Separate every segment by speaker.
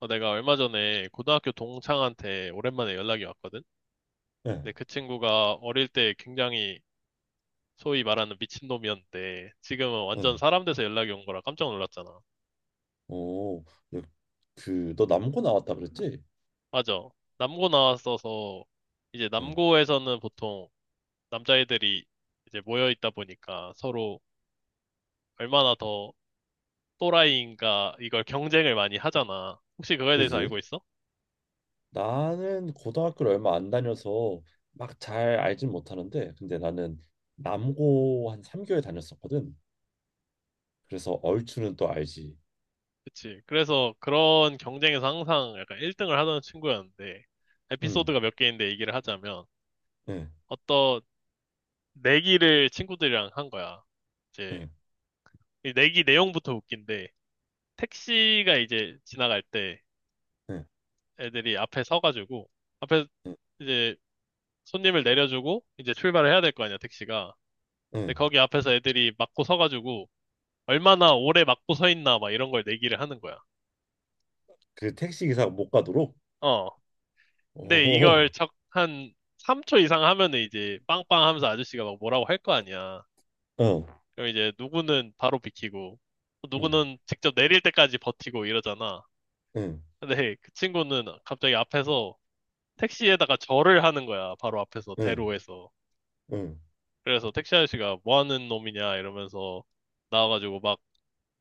Speaker 1: 내가 얼마 전에 고등학교 동창한테 오랜만에 연락이 왔거든?
Speaker 2: 예,
Speaker 1: 근데 그 친구가 어릴 때 굉장히 소위 말하는 미친놈이었는데 지금은 완전
Speaker 2: 응.
Speaker 1: 사람 돼서 연락이 온 거라 깜짝 놀랐잖아.
Speaker 2: 오, 예, 그, 너 남고 나왔다 그랬지?
Speaker 1: 맞아. 남고 나왔어서 이제
Speaker 2: 응,
Speaker 1: 남고에서는 보통 남자애들이 이제 모여 있다 보니까 서로 얼마나 더 또라이인가 이걸 경쟁을 많이 하잖아. 혹시 그거에 대해서
Speaker 2: 그지?
Speaker 1: 알고 있어?
Speaker 2: 나는 고등학교를 얼마 안 다녀서 막 잘 알진 못하는데, 근데 나는 남고 한 3개월 다녔었거든. 그래서 얼추는 또 알지.
Speaker 1: 그치. 그래서 그런 경쟁에서 항상 약간 1등을 하던 친구였는데,
Speaker 2: 응,
Speaker 1: 에피소드가 몇 개인데 얘기를 하자면,
Speaker 2: 응,
Speaker 1: 어떤 내기를 친구들이랑 한 거야. 이제,
Speaker 2: 응,
Speaker 1: 이 내기 내용부터 웃긴데, 택시가 이제 지나갈 때
Speaker 2: 응,
Speaker 1: 애들이 앞에 서가지고, 앞에
Speaker 2: 응,
Speaker 1: 이제 손님을 내려주고, 이제 출발을 해야 될 거 아니야, 택시가. 근데
Speaker 2: 응.
Speaker 1: 거기 앞에서 애들이 막고 서가지고, 얼마나 오래 막고 서 있나, 막 이런 걸 내기를 하는 거야.
Speaker 2: 그 택시 기사가 못 가도록.
Speaker 1: 어. 근데
Speaker 2: 오,
Speaker 1: 이걸 한 3초 이상 하면은 이제 빵빵 하면서 아저씨가 막 뭐라고 할 거 아니야.
Speaker 2: 응,
Speaker 1: 그럼 이제 누구는 바로 비키고, 또
Speaker 2: 응,
Speaker 1: 누구는 직접 내릴 때까지 버티고 이러잖아.
Speaker 2: 응,
Speaker 1: 근데 그 친구는 갑자기 앞에서 택시에다가 절을 하는 거야. 바로 앞에서,
Speaker 2: 응,
Speaker 1: 대로에서.
Speaker 2: 응,
Speaker 1: 그래서 택시 아저씨가 뭐 하는 놈이냐 이러면서 나와가지고 막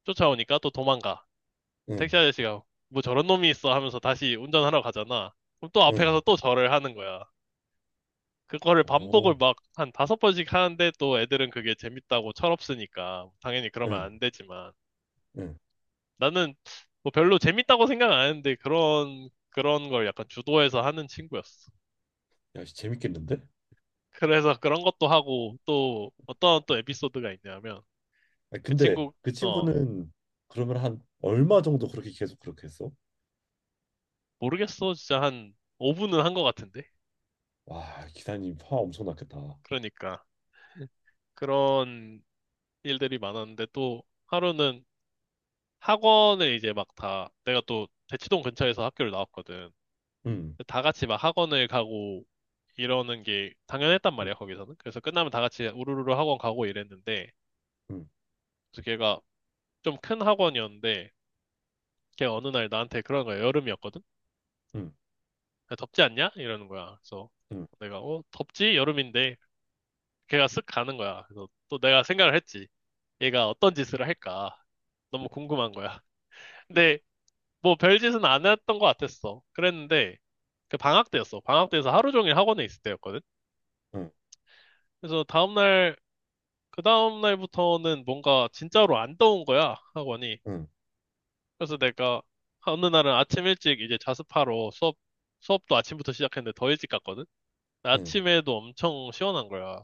Speaker 1: 쫓아오니까 또 도망가. 그럼
Speaker 2: 응,
Speaker 1: 택시 아저씨가 뭐 저런 놈이 있어 하면서 다시 운전하러 가잖아. 그럼 또 앞에
Speaker 2: 응.
Speaker 1: 가서 또 절을 하는 거야. 그거를 반복을
Speaker 2: 오,
Speaker 1: 막 한 다섯 번씩 하는데 또 애들은 그게 재밌다고 철없으니까 당연히 그러면
Speaker 2: 응,
Speaker 1: 안 되지만
Speaker 2: 응.
Speaker 1: 나는 뭐 별로 재밌다고 생각 안 했는데 그런 걸 약간 주도해서 하는 친구였어.
Speaker 2: 야, 재밌겠는데?
Speaker 1: 그래서 그런 것도 하고 또 어떤 또 에피소드가 있냐면
Speaker 2: 아니,
Speaker 1: 그
Speaker 2: 근데
Speaker 1: 친구
Speaker 2: 그
Speaker 1: 어
Speaker 2: 친구는 그러면 한 얼마 정도 그렇게 계속 그렇게 했어?
Speaker 1: 모르겠어 진짜 한 5분은 한 것 같은데
Speaker 2: 와, 기사님 화 엄청 났겠다.
Speaker 1: 그러니까 그런 일들이 많았는데 또 하루는 학원을 이제 막 다 내가 또 대치동 근처에서 학교를 나왔거든.
Speaker 2: 응,
Speaker 1: 다 같이 막 학원을 가고 이러는 게 당연했단
Speaker 2: 응,
Speaker 1: 말이야, 거기서는. 그래서 끝나면 다 같이 우르르르 학원 가고 이랬는데,
Speaker 2: 응,
Speaker 1: 그래서 걔가 좀 큰 학원이었는데, 걔 어느 날 나한테 그런 거야. 여름이었거든?
Speaker 2: 응,
Speaker 1: 야, 덥지 않냐? 이러는 거야. 그래서
Speaker 2: 응,
Speaker 1: 내가, 어, 덥지? 여름인데. 걔가 쓱 가는 거야. 그래서 또 내가 생각을 했지. 얘가 어떤 짓을 할까? 너무 궁금한 거야. 근데 뭐 별짓은 안 했던 것 같았어. 그랬는데, 그 방학 때였어. 방학 때에서 하루 종일 학원에 있을 때였거든?
Speaker 2: 응,
Speaker 1: 그래서 다음날 그 다음 날부터는 뭔가 진짜로 안 더운 거야, 학원이.
Speaker 2: 응,
Speaker 1: 그래서 내가 어느 날은 아침 일찍 이제 자습하러 수업도 아침부터 시작했는데 더 일찍 갔거든?
Speaker 2: 응,
Speaker 1: 아침에도 엄청 시원한 거야.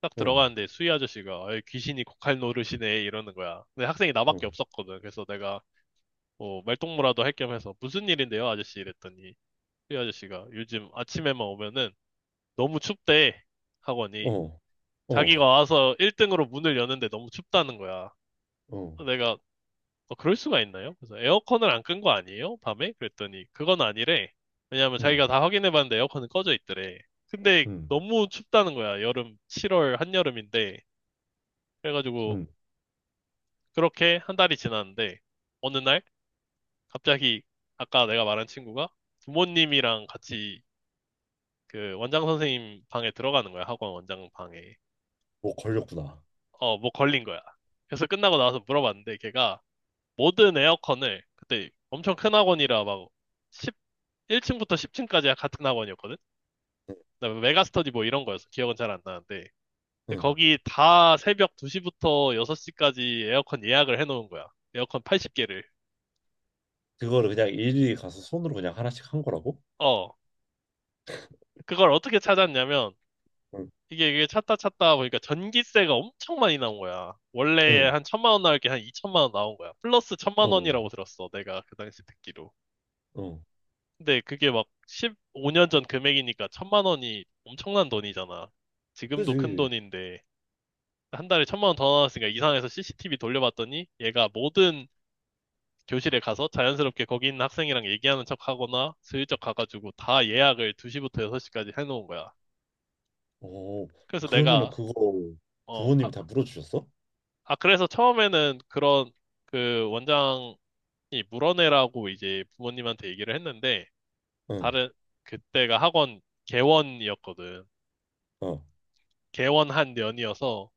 Speaker 1: 딱
Speaker 2: 응, 응,
Speaker 1: 들어가는데 수희 아저씨가 "아이, 귀신이 고칼 노릇이네" 이러는 거야. 근데 학생이 나밖에
Speaker 2: 응,
Speaker 1: 없었거든. 그래서 내가 뭐 말동무라도 할 겸 해서 무슨 일인데요, 아저씨 이랬더니 수희 아저씨가 요즘 아침에만 오면은 너무 춥대, 학원이.
Speaker 2: 어, 어,
Speaker 1: 자기가 와서 1등으로 문을 여는데 너무 춥다는 거야.
Speaker 2: 어,
Speaker 1: 내가 어, 그럴 수가 있나요? 그래서 에어컨을 안 끈 거 아니에요? 밤에? 그랬더니 그건 아니래. 왜냐하면
Speaker 2: 응,
Speaker 1: 자기가 다 확인해봤는데 에어컨은 꺼져 있더래. 근데
Speaker 2: 응,
Speaker 1: 너무 춥다는 거야. 여름 7월 한여름인데. 그래가지고
Speaker 2: 응,
Speaker 1: 그렇게 한 달이 지났는데 어느 날 갑자기 아까 내가 말한 친구가 부모님이랑 같이 그 원장 선생님 방에 들어가는 거야. 학원 원장 방에.
Speaker 2: 뭐 걸렸구나.
Speaker 1: 어, 뭐 걸린 거야. 그래서 끝나고 나와서 물어봤는데 걔가 모든 에어컨을 그때 엄청 큰 학원이라 막 1층부터 10층까지야 같은 학원이었거든?
Speaker 2: 응,
Speaker 1: 그다음에 메가스터디 뭐 이런 거였어. 기억은 잘 안 나는데. 근데
Speaker 2: 응.
Speaker 1: 거기 다 새벽 2시부터 6시까지 에어컨 예약을 해놓은 거야. 에어컨 80개를.
Speaker 2: 그거를 그냥 일일이 가서 손으로 그냥 하나씩 한 거라고?
Speaker 1: 어. 그걸 어떻게 찾았냐면,
Speaker 2: 응,
Speaker 1: 이게, 찾다 찾다 보니까 전기세가 엄청 많이 나온 거야. 원래
Speaker 2: 응,
Speaker 1: 한 천만 원 나올 게 한 2천만 원 나온 거야. 플러스 천만
Speaker 2: 어,
Speaker 1: 원이라고 들었어. 내가 그 당시 듣기로.
Speaker 2: 어,
Speaker 1: 근데 그게 막 15년 전 금액이니까 천만 원이 엄청난 돈이잖아. 지금도 큰
Speaker 2: 그지.
Speaker 1: 돈인데. 한 달에 천만 원 더 나왔으니까 이상해서 CCTV 돌려봤더니 얘가 모든 교실에 가서 자연스럽게 거기 있는 학생이랑 얘기하는 척 하거나 슬쩍 가가지고 다 예약을 2시부터 6시까지 해놓은 거야.
Speaker 2: 어,
Speaker 1: 그래서
Speaker 2: 그러면은
Speaker 1: 내가,
Speaker 2: 그거
Speaker 1: 어, 아,
Speaker 2: 부모님이 다 물어주셨어?
Speaker 1: 아, 그래서 처음에는 그런 그 원장이 물어내라고 이제 부모님한테 얘기를 했는데
Speaker 2: 응,
Speaker 1: 다른, 그때가 학원 개원이었거든.
Speaker 2: 어,
Speaker 1: 개원한 년이어서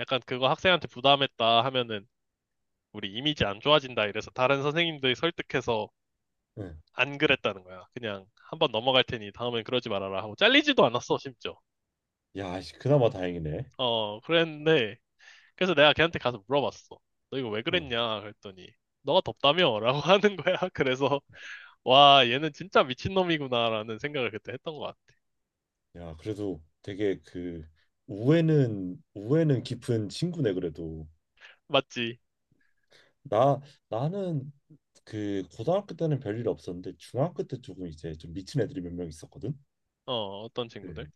Speaker 1: 약간 그거 학생한테 부담했다 하면은 우리 이미지 안 좋아진다 이래서 다른 선생님들이 설득해서
Speaker 2: 응.
Speaker 1: 안 그랬다는 거야. 그냥 한번 넘어갈 테니 다음엔 그러지 말아라 하고 잘리지도 않았어, 심지어.
Speaker 2: 야, 씨, 그나마 다행이네.
Speaker 1: 그랬는데 그래서 내가 걔한테 가서 물어봤어. 너 이거 왜
Speaker 2: 응.
Speaker 1: 그랬냐? 그랬더니 너가 덥다며? 라고 하는 거야. 그래서 와, 얘는 진짜 미친놈이구나라는 생각을 그때 했던 것 같아.
Speaker 2: 야, 그래도 되게 그 우애는 깊은 친구네 그래도.
Speaker 1: 맞지?
Speaker 2: 나 나는 그 고등학교 때는 별일 없었는데 중학교 때 조금 이제 좀 미친 애들이 몇 명 있었거든.
Speaker 1: 어, 어떤
Speaker 2: 그
Speaker 1: 친구들?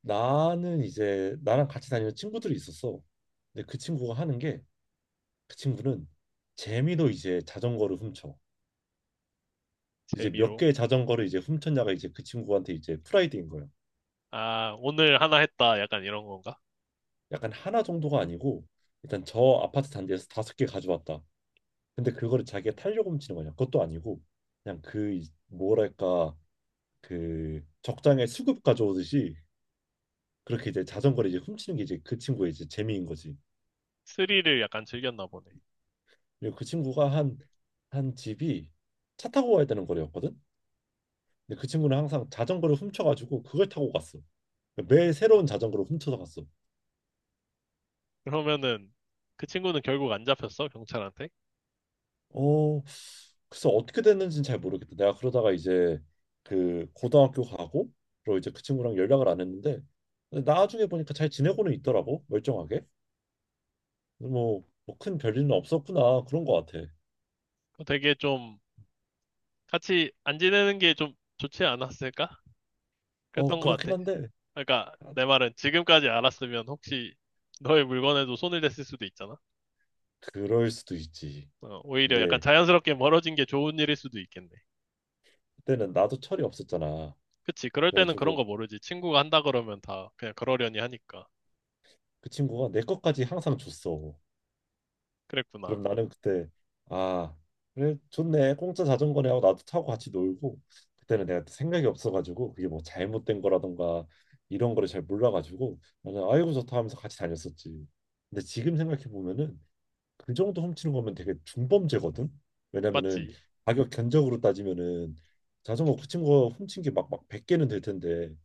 Speaker 2: 나는 이제 나랑 같이 다니는 친구들이 있었어. 근데 그 친구가 하는 게 그 친구는 재미로 이제 자전거를 훔쳐. 이제 몇
Speaker 1: 재미로.
Speaker 2: 개의 자전거를 이제 훔쳤냐가 이제 그 친구한테 이제 프라이드인 거야.
Speaker 1: 아, 오늘 하나 했다. 약간 이런 건가?
Speaker 2: 약간 하나 정도가 아니고 일단 저 아파트 단지에서 다섯 개 가져왔다. 근데 그거를 자기가 타려고 훔치는 거냐? 그것도 아니고 그냥 그 뭐랄까 그 적장에 수급 가져오듯이 그렇게 이제 자전거를 이제 훔치는 게 이제 그 친구의 이제 재미인 거지.
Speaker 1: 스릴을 약간 즐겼나 보네.
Speaker 2: 그리고 그 친구가 한 한 집이 차 타고 가야 되는 거리였거든. 근데 그 친구는 항상 자전거를 훔쳐가지고 그걸 타고 갔어. 매 새로운 자전거를 훔쳐서 갔어.
Speaker 1: 그러면은 그 친구는 결국 안 잡혔어, 경찰한테?
Speaker 2: 어, 글쎄 어떻게 됐는지는 잘 모르겠다. 내가 그러다가 이제 그 고등학교 가고 그리고 이제 그 친구랑 연락을 안 했는데 근데 나중에 보니까 잘 지내고는 있더라고 멀쩡하게. 뭐 큰 별일은 없었구나 그런 거 같아.
Speaker 1: 그거 되게 좀 같이 안 지내는 게 좀 좋지 않았을까?
Speaker 2: 어
Speaker 1: 그랬던 것
Speaker 2: 그렇긴
Speaker 1: 같아.
Speaker 2: 한데.
Speaker 1: 그러니까
Speaker 2: 아,
Speaker 1: 내 말은 지금까지 알았으면 혹시 너의 물건에도 손을 댔을 수도 있잖아.
Speaker 2: 그럴 수도 있지.
Speaker 1: 어, 오히려 약간
Speaker 2: 근데
Speaker 1: 자연스럽게 멀어진 게 좋은 일일 수도 있겠네.
Speaker 2: 그때는 나도 철이 없었잖아.
Speaker 1: 그치, 그럴 때는 그런
Speaker 2: 그래가지고
Speaker 1: 거 모르지. 친구가 한다 그러면 다 그냥 그러려니 하니까.
Speaker 2: 그 친구가 내 것까지 항상 줬어. 그럼
Speaker 1: 그랬구나.
Speaker 2: 나는 그때 아 그래 좋네 공짜 자전거네 하고 나도 타고 같이 놀고 그때는 내가 생각이 없어가지고 그게 뭐 잘못된 거라던가 이런 거를 잘 몰라가지고 나는 아이고 좋다 하면서 같이 다녔었지. 근데 지금 생각해 보면은 그 정도 훔치는 거면 되게 중범죄거든. 왜냐면은
Speaker 1: 맞지?
Speaker 2: 가격 견적으로 따지면은 자전거 그 친구가 훔친 게 막 100개는 될 텐데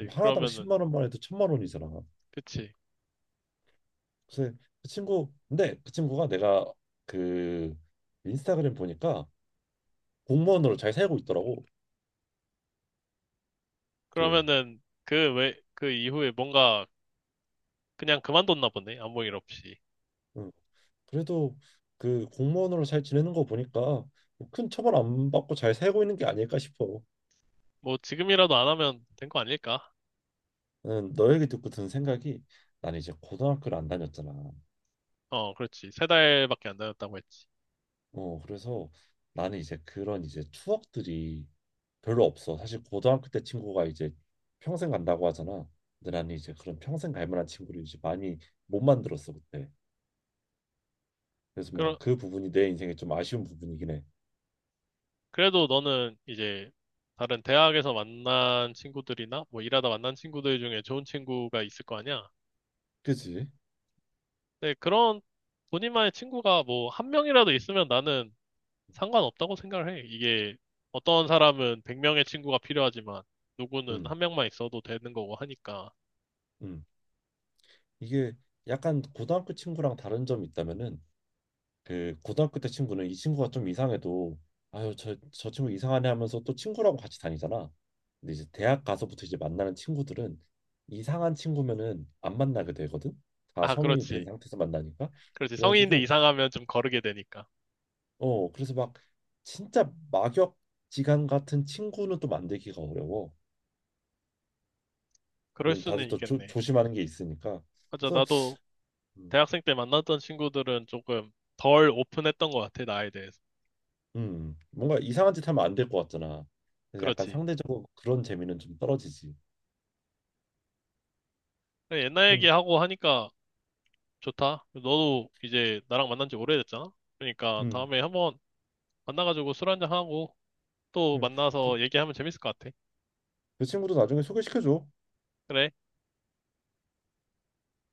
Speaker 2: 그럼 하나당
Speaker 1: 그러면은,
Speaker 2: 10만 원만 해도 천만 원이잖아.
Speaker 1: 그치.
Speaker 2: 그래서 그 친구 근데 그 친구가 내가 그 인스타그램 보니까 공무원으로 잘 살고 있더라고. 그
Speaker 1: 그러면은 그 왜, 그 이후에 뭔가 그냥 그만뒀나 보네. 아무 일 없이.
Speaker 2: 응. 그래도 그 공무원으로 잘 지내는 거 보니까 뭐큰 처벌 안 받고 잘 살고 있는 게 아닐까 싶어.
Speaker 1: 뭐 지금이라도 안 하면 된 거 아닐까?
Speaker 2: 응, 너 얘기 듣고 든 생각이 나는 이제 고등학교를 안 다녔잖아.
Speaker 1: 어, 그렇지. 세 달밖에 안 다녔다고 했지.
Speaker 2: 어 그래서 나는 이제 그런 이제 추억들이 별로 없어 사실 고등학교 때 친구가 이제 평생 간다고 하잖아. 근데 나는 이제 그런 평생 갈 만한 친구를 이제 많이 못 만들었어 그때. 그래서 뭔가
Speaker 1: 그러,
Speaker 2: 그 부분이 내 인생에 좀 아쉬운 부분이긴 해.
Speaker 1: 그래도 너는 이제 다른 대학에서 만난 친구들이나 뭐 일하다 만난 친구들 중에 좋은 친구가 있을 거 아니야?
Speaker 2: 그지?
Speaker 1: 근데 그런 본인만의 친구가 뭐 한 명이라도 있으면 나는 상관없다고 생각을 해. 이게 어떤 사람은 100명의 친구가 필요하지만 누구는
Speaker 2: 음,
Speaker 1: 한 명만 있어도 되는 거고 하니까.
Speaker 2: 음. 이게 약간 고등학교 친구랑 다른 점이 있다면은 그 고등학교 때 친구는 이 친구가 좀 이상해도 아유 저 친구 이상하네 하면서 또 친구라고 같이 다니잖아. 근데 이제 대학 가서부터 이제 만나는 친구들은 이상한 친구면은 안 만나게 되거든. 다
Speaker 1: 아,
Speaker 2: 성인이 된
Speaker 1: 그렇지.
Speaker 2: 상태에서 만나니까.
Speaker 1: 그렇지. 성인인데
Speaker 2: 그래가지고
Speaker 1: 이상하면 좀 거르게 되니까.
Speaker 2: 그래서 막 진짜 막역 지간 같은 친구는 또 만들기가 어려워.
Speaker 1: 그럴
Speaker 2: 왜냐면
Speaker 1: 수는
Speaker 2: 다들 또 조,
Speaker 1: 있겠네.
Speaker 2: 조심하는 게 있으니까.
Speaker 1: 맞아,
Speaker 2: 그래서
Speaker 1: 나도
Speaker 2: 음,
Speaker 1: 대학생 때 만났던 친구들은 조금 덜 오픈했던 것 같아, 나에 대해서.
Speaker 2: 뭔가 이상한 짓 하면 안 될 것 같잖아. 그래서 약간
Speaker 1: 그렇지.
Speaker 2: 상대적으로 그런 재미는 좀 떨어지지.
Speaker 1: 그래, 옛날
Speaker 2: 음,
Speaker 1: 얘기하고 하니까 좋다. 너도 이제 나랑 만난 지 오래됐잖아? 그러니까
Speaker 2: 음.
Speaker 1: 다음에 한번 만나가지고 술 한 잔하고 또
Speaker 2: 음. 그,
Speaker 1: 만나서 얘기하면 재밌을 것 같아.
Speaker 2: 그 친구도 나중에 소개시켜줘.
Speaker 1: 그래.